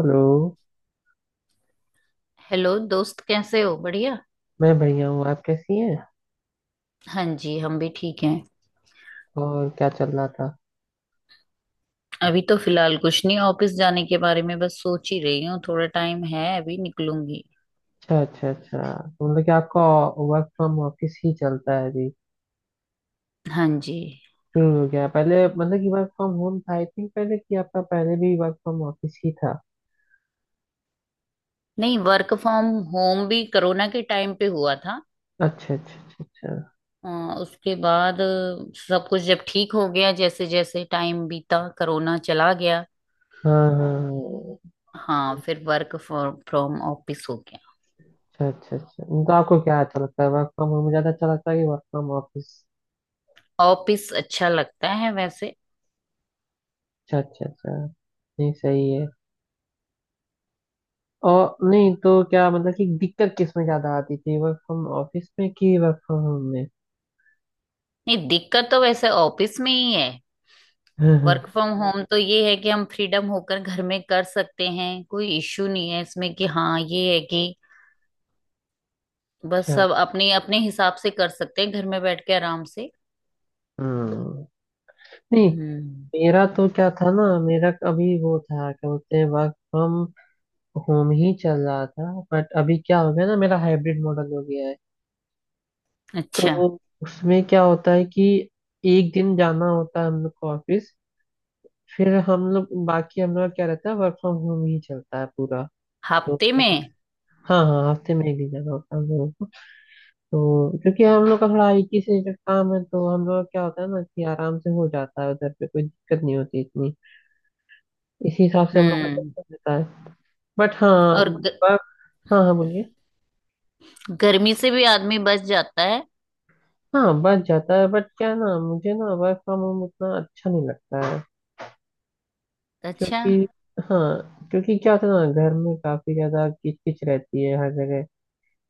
Hello. Hello दोस्त कैसे हो बढ़िया। मैं बढ़िया हूँ, आप कैसी हैं? हाँ जी हम भी ठीक हैं। और क्या चल रहा था? अभी तो फिलहाल कुछ नहीं, ऑफिस जाने के बारे में बस सोच ही रही हूँ, थोड़ा टाइम है अभी निकलूंगी। अच्छा, अच्छा, अच्छा। तो मतलब कि आपका वर्क फ्रॉम ऑफिस ही चलता है अभी? हाँ जी। शुरू हो गया? पहले मतलब कि वर्क फ्रॉम होम था, आई थिंक पहले कि आपका पहले भी वर्क फ्रॉम ऑफिस ही था? नहीं, वर्क फ्रॉम होम भी कोरोना के टाइम पे हुआ था। अच्छा, अच्छा, अच्छा, अच्छा। अ, उसके बाद सब कुछ जब ठीक हो गया, जैसे जैसे टाइम बीता, कोरोना चला गया। हाँ हाँ हाँ। हाँ, फिर वर्क फ्रॉम ऑफिस हो गया। अच्छा, अच्छा, अच्छा। तो आपको क्या अच्छा लगता है, वर्क फ्रॉम होम ज़्यादा अच्छा लगता है कि वर्क फ्रॉम ऑफिस? ऑफिस अच्छा लगता है वैसे। अच्छा, अच्छा, अच्छा। नहीं, सही है। और नहीं तो क्या, मतलब कि दिक्कत किस में ज़्यादा आती थी, वर्क फ्रॉम ऑफिस में कि वर्क फ्रॉम होम नहीं, दिक्कत तो वैसे ऑफिस में ही है। में? वर्क फ्रॉम होम तो ये है कि हम फ्रीडम होकर घर में कर सकते हैं, कोई इश्यू नहीं है इसमें कि हाँ ये है कि बस अच्छा। सब अपने अपने हिसाब से कर सकते हैं, घर में बैठ के आराम से। हम्म। नहीं, हम्म। मेरा तो क्या था ना, मेरा अभी वो था, क्या बोलते हैं, वर्क फ्रॉम होम ही चल रहा था, बट अभी क्या हो गया ना, मेरा हाइब्रिड मॉडल हो गया है। अच्छा। तो उसमें क्या होता है कि एक दिन जाना होता है हम लोग को ऑफिस, फिर हम लोग बाकी हम लोग का क्या रहता है, वर्क फ्रॉम होम ही चलता है पूरा। तो हफ्ते में। हाँ हाँ, हफ्ते में एक दिन जाना होता है हम लोगों को। तो क्योंकि हम लोग का थोड़ा आईटी से रिलेटेड काम है, तो हम लोग का क्या होता है ना, कि आराम से हो जाता है, उधर पे कोई दिक्कत नहीं होती इतनी। इसी हिसाब से हम लोग का हम्म। बच जाता है। बट हाँ, और ग, वर्क, हाँ हाँ बोलिए। गर्मी से भी आदमी बच जाता है। हाँ बच जाता है, बट क्या ना, मुझे ना वर्क फ्रॉम होम उतना अच्छा नहीं लगता है। अच्छा। क्योंकि हाँ, क्योंकि क्या होता है ना, घर में काफी ज्यादा किचकिच रहती है हर जगह।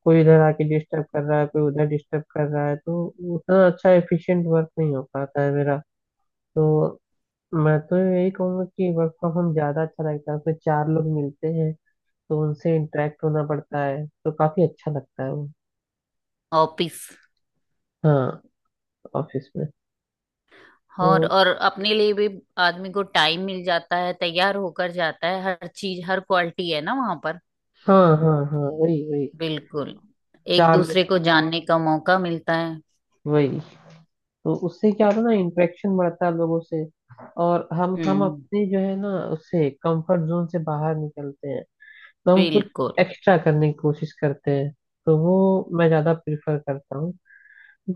कोई इधर आके डिस्टर्ब कर रहा है, कोई उधर डिस्टर्ब कर रहा है, तो उतना अच्छा एफिशिएंट वर्क नहीं हो पाता है मेरा। तो मैं तो यही कहूंगा कि वर्क फ्रॉम होम ज्यादा अच्छा लगता है, उसमें चार लोग मिलते हैं, तो उनसे इंटरेक्ट होना पड़ता है, तो काफी अच्छा लगता है वो। ऑफिस। हाँ, ऑफिस में। और तो और अपने लिए भी आदमी को टाइम मिल जाता है, तैयार होकर जाता है, हर चीज हर क्वालिटी है ना वहां पर। हाँ हाँ हाँ, वही वही। बिल्कुल। एक चार लोग, दूसरे को जानने का मौका मिलता है। वही। तो उससे क्या होता है ना, इंटरेक्शन बढ़ता है लोगों से। और हम हम्म। अपने जो है ना, उससे कंफर्ट जोन से बाहर निकलते हैं। तो हम कुछ बिल्कुल। एक्स्ट्रा करने की कोशिश करते हैं। तो वो मैं ज्यादा प्रिफर करता हूँ।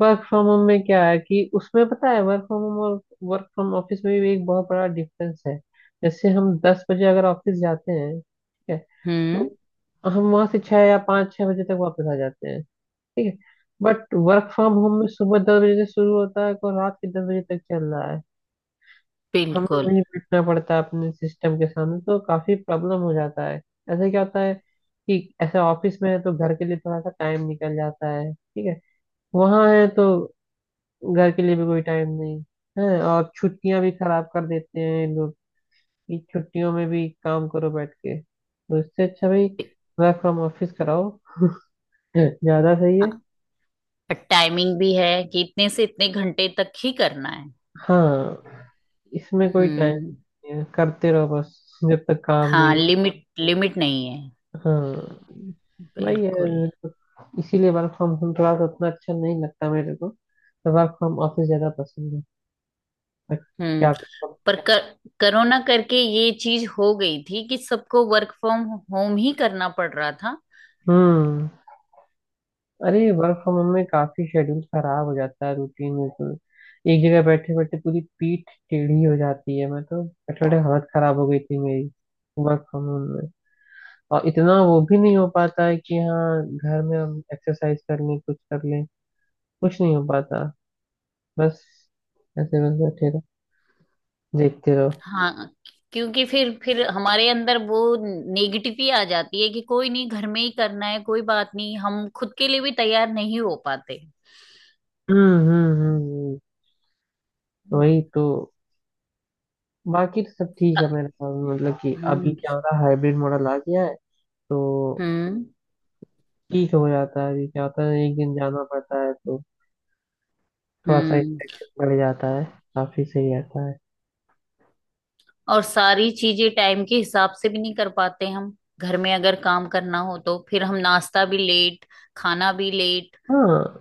वर्क फ्रॉम होम में क्या है कि उसमें पता है, वर्क फ्रॉम होम और वर्क फ्रॉम ऑफिस में भी एक बहुत बड़ा डिफरेंस है। जैसे हम 10 बजे अगर ऑफिस जाते हैं, ठीक है, हम्म। तो हम वहां से छह या 5-6 बजे तक वापस आ जाते हैं, ठीक है। बट वर्क फ्रॉम होम में सुबह 10 बजे से शुरू होता है और रात के 10 बजे तक चल रहा है। हमें बिल्कुल। वहीं बैठना पड़ता है अपने सिस्टम के सामने, तो काफी प्रॉब्लम हो जाता है। ऐसे क्या होता है कि ऐसे ऑफिस में है तो घर के लिए थोड़ा सा टाइम निकल जाता है, ठीक है। वहां है तो घर के लिए भी कोई टाइम नहीं है। और छुट्टियां भी खराब कर देते हैं ये लोग कि छुट्टियों में भी काम करो बैठ के। तो इससे अच्छा भाई वर्क फ्रॉम ऑफिस कराओ। ज्यादा सही है। और टाइमिंग भी है कि इतने से इतने घंटे तक ही करना है। हाँ, इसमें कोई टाइम हम्म। नहीं है, करते रहो बस जब तक काम नहीं हाँ, हो। लिमिट लिमिट नहीं है। हाँ भाई बिल्कुल। यार, तो इसीलिए वर्क फ्रॉम होम थोड़ा सा उतना अच्छा नहीं लगता मेरे को। तो वर्क फ्रॉम ऑफिस ज्यादा पसंद है। पर हम्म। क्या करूं? पर कर, कोरोना करके ये चीज हो गई थी कि सबको वर्क फ्रॉम होम ही करना पड़ रहा था। हम्म। अरे वर्क फ्रॉम होम में काफी शेड्यूल खराब हो जाता है, रूटीन बिल्कुल। एक जगह बैठे बैठे पूरी पीठ टेढ़ी हो जाती है, मैं तो बैठे बैठे हालत खराब हो गई थी मेरी वर्क फ्रॉम होम में। और इतना वो भी नहीं हो पाता है कि हाँ घर में हम एक्सरसाइज कर लें, कुछ कर लें, कुछ नहीं हो पाता। बस ऐसे बस बैठे रहो, देखते रहो। हाँ, क्योंकि फिर हमारे अंदर वो नेगेटिव ही आ जाती है कि कोई नहीं, घर में ही करना है, कोई बात नहीं, हम खुद के लिए भी तैयार नहीं हो पाते। हम्म हम्म हम्म हम्म, हम्म वही तो। बाकी तो सब ठीक है मेरे ख्याल में, मतलब कि अभी क्या होता है, हाइब्रिड मॉडल आ गया है, तो हम्म ठीक हो जाता है। अभी क्या होता है, एक दिन जाना पड़ता है, तो थोड़ा सा हम्म। इन्फेक्शन बढ़ जाता है, काफी सही रहता है। और सारी चीजें टाइम के हिसाब से भी नहीं कर पाते हम, घर में अगर काम करना हो तो फिर हम नाश्ता भी लेट, खाना भी लेट। हाँ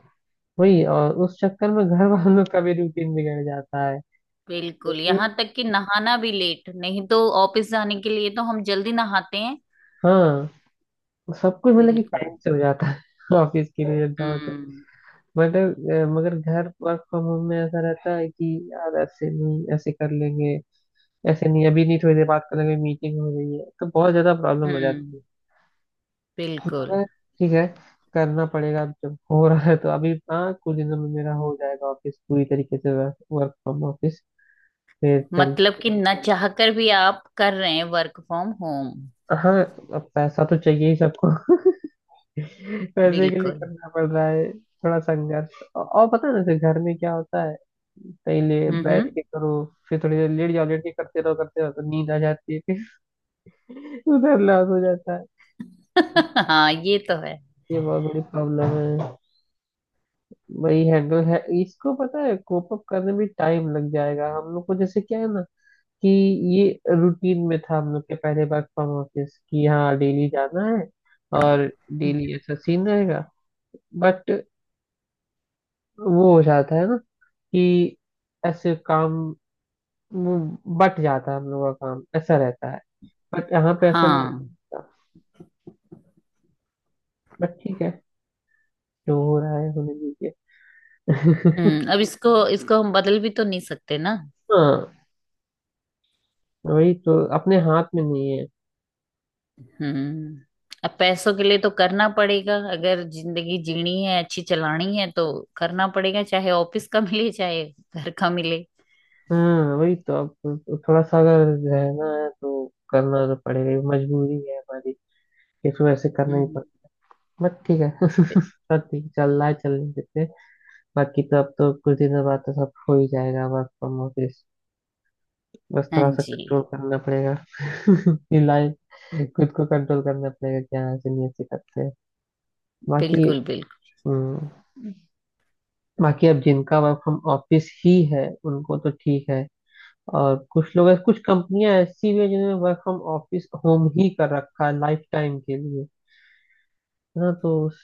वही, और उस चक्कर में घर वालों का भी रूटीन बिगड़ जाता है। बिल्कुल, क्योंकि यहाँ तक कि नहाना भी लेट, नहीं तो ऑफिस जाने के लिए तो हम जल्दी नहाते हैं। हाँ, सब कुछ मतलब कि बिल्कुल। टाइम से हो जाता है। ऑफिस के लिए जाओ तो। हम्म बट मगर घर वर्क फ्रॉम होम में ऐसा रहता है कि यार ऐसे नहीं, ऐसे कर लेंगे, ऐसे नहीं अभी नहीं, थोड़ी देर बात कर लेंगे, मीटिंग हो रही है, तो बहुत ज्यादा प्रॉब्लम हो हम्म। जाती है। बिल्कुल। मगर ठीक है, करना पड़ेगा, अब जब हो रहा है तो। अभी हाँ, कुछ दिनों में मेरा हो जाएगा ऑफिस, पूरी तरीके से वर्क फ्रॉम ऑफिस, फिर चल। मतलब कि न चाहकर भी आप कर रहे हैं वर्क फ्रॉम होम। हाँ, अब पैसा तो चाहिए ही सबको। पैसे के लिए बिल्कुल। करना पड़ रहा है थोड़ा संघर्ष, और पता है ना जैसे घर में क्या होता है, कहीं ले बैठ हम्म। के करो, फिर थोड़ी देर लेट जाओ, लेट के करते रहो तो नींद आ जाती है फिर। उधर लॉस हो जाता है। हाँ ये तो है। ये बहुत बड़ी प्रॉब्लम है। वही हैंडल है इसको, पता है कोप अप करने में टाइम लग जाएगा हम लोग को। जैसे क्या है ना, कि ये रूटीन में था हम लोग के पहले, वर्क फ्रॉम ऑफिस, कि हाँ डेली जाना है और डेली ऐसा सीन रहेगा। बट वो हो जाता है ना, कि ऐसे काम वो बट जाता है, हम लोग का काम ऐसा रहता है। बट यहाँ पे ऐसा ना। हाँ। बट ठीक है, जो हो रहा है होने दीजिए। हम्म, अब इसको इसको हम बदल भी तो नहीं सकते ना। हाँ, वही तो, अपने हाथ में नहीं है। हम्म। अब पैसों के लिए तो करना पड़ेगा, अगर जिंदगी जीनी है अच्छी चलानी है तो करना पड़ेगा, चाहे ऑफिस का मिले चाहे घर का मिले। हाँ वही तो। अब थोड़ा सा, अगर रहना है तो करना तो पड़ेगा, ये मजबूरी है हमारी, इसको ऐसे करना ही हम्म। पड़ता। बट ठीक है, बि- सब ठीक चल रहा है, चलने देते हैं। बाकी तो अब तो कुछ दिनों बाद तो सब हो ही जाएगा वर्क फ्रॉम ऑफिस, बस हाँ थोड़ा सा जी। कंट्रोल करना पड़ेगा। ये लाइफ, खुद को कंट्रोल करना पड़ेगा कि हाँ ऐसे नहीं, ऐसे करते हैं। बाकी बिल्कुल बिल्कुल। हम्म, बाकी अब जिनका वर्क फ्रॉम ऑफिस ही है उनको तो ठीक है। और कुछ लोग, कुछ कंपनियां ऐसी भी है जिन्होंने वर्क फ्रॉम ऑफिस होम ही कर रखा है लाइफ टाइम के लिए, है ना। तो उस,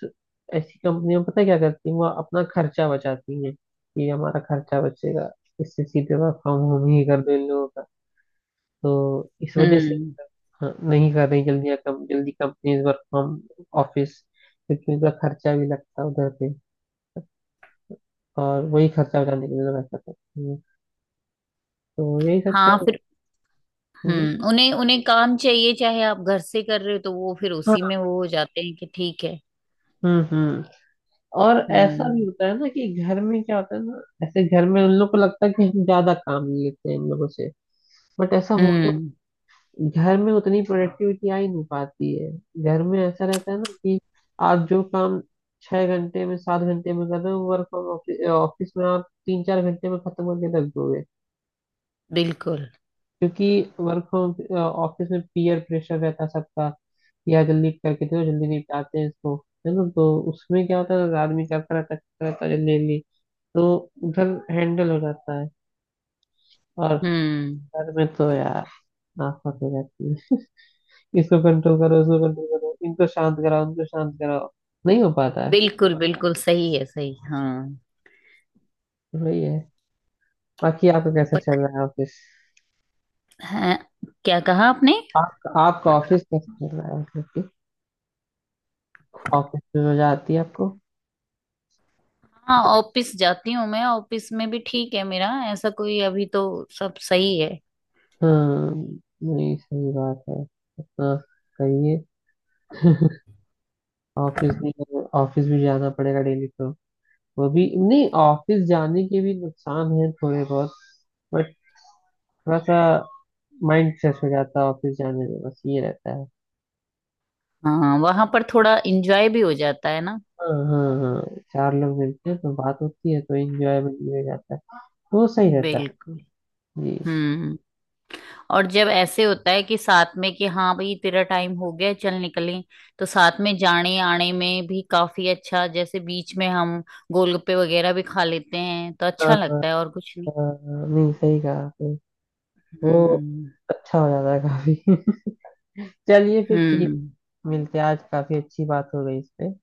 ऐसी कंपनियां पता है क्या करती हैं, वो अपना खर्चा बचाती हैं, कि हमारा खर्चा बचेगा इससे, सीधे वर्क फ्रॉम होम ही कर दो इन लोगों का। तो इस वजह से हम्म। हाँ, नहीं कर रही जल्दी या कम जल्दी कंपनीज वर्क फ्रॉम ऑफिस, क्योंकि उनका खर्चा भी लगता है उधर पे। और वही खर्चा बचाने के लिए लोग ऐसा करते हैं। तो यही सब हाँ, चल। फिर। जी, हम्म, उन्हें उन्हें काम चाहिए, चाहे आप घर से कर रहे हो तो वो फिर उसी हाँ। में वो हो जाते हैं कि ठीक है। हम्म। और ऐसा भी हम्म होता है ना, कि घर में क्या होता है ना, ऐसे घर में उन लोग को लगता है कि हम ज्यादा काम ले लेते हैं इन लोगों से। बट ऐसा होता हम्म। है, घर में उतनी प्रोडक्टिविटी आ ही नहीं पाती है। घर में ऐसा रहता है ना, कि आप जो काम 6 घंटे में, 7 घंटे में कर रहे हो, वर्क फ्रॉम ऑफिस में आप 3-4 घंटे में खत्म करके रख दोगे। बिल्कुल। क्योंकि वर्क फ्रॉम ऑफिस में पीयर प्रेशर रहता है सबका, या जल्दी करके दो, जल्दी निपटाते हैं इसको, है ना। तो उसमें क्या होता है, आदमी करता रहता जल्दी जल्दी, तो उधर हैंडल हो जाता है। और हम्म। घर में तो यार नाफत हो जाती है, इसको कंट्रोल करो, इसको कंट्रोल करो, इनको शांत कराओ, उनको शांत कराओ, नहीं हो पाता है। बिल्कुल बिल्कुल, सही है सही। हाँ वही है। बाकी आपका कैसा पक, चल रहा है ऑफिस? हाँ, क्या कहा आपने? आप, आपका ऑफिस कैसा चल रहा है, मतलब कि ऑफिस में मजा आती है आपको? हाँ, ऑफिस जाती हूँ मैं, ऑफिस में भी ठीक है मेरा, ऐसा कोई अभी तो, सब सही है। हाँ, नहीं सही बात है। इतना सही है। ऑफिस भी, ऑफिस भी जाना पड़ेगा डेली तो। वो भी नहीं, ऑफिस जाने के भी नुकसान है थोड़े बहुत, बट थोड़ा सा माइंड फ्रेश हो जाता है ऑफिस जाने में, बस ये रहता है। हाँ, वहां पर थोड़ा इंजॉय भी हो जाता है ना। हाँ हाँ हाँ, चार लोग मिलते हैं तो बात होती है, तो इंजॉयबल भी हो जाता है, तो वो सही रहता है। बिल्कुल। जी, हम्म। और जब ऐसे होता है कि साथ में कि हाँ भाई तेरा टाइम हो गया चल निकलें, तो साथ में जाने आने में भी काफी अच्छा, जैसे बीच में हम गोलगप्पे वगैरह भी खा लेते हैं तो हाँ। अच्छा लगता है, और कुछ नहीं। हाँ, नहीं सही कहा आपने। वो हम्म अच्छा हो जाता है काफी। चलिए फिर ठीक, हम्म। मिलते हैं, आज काफी अच्छी बात हो गई इस पे।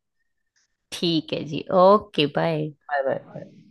ठीक है जी, ओके बाय। आप आप।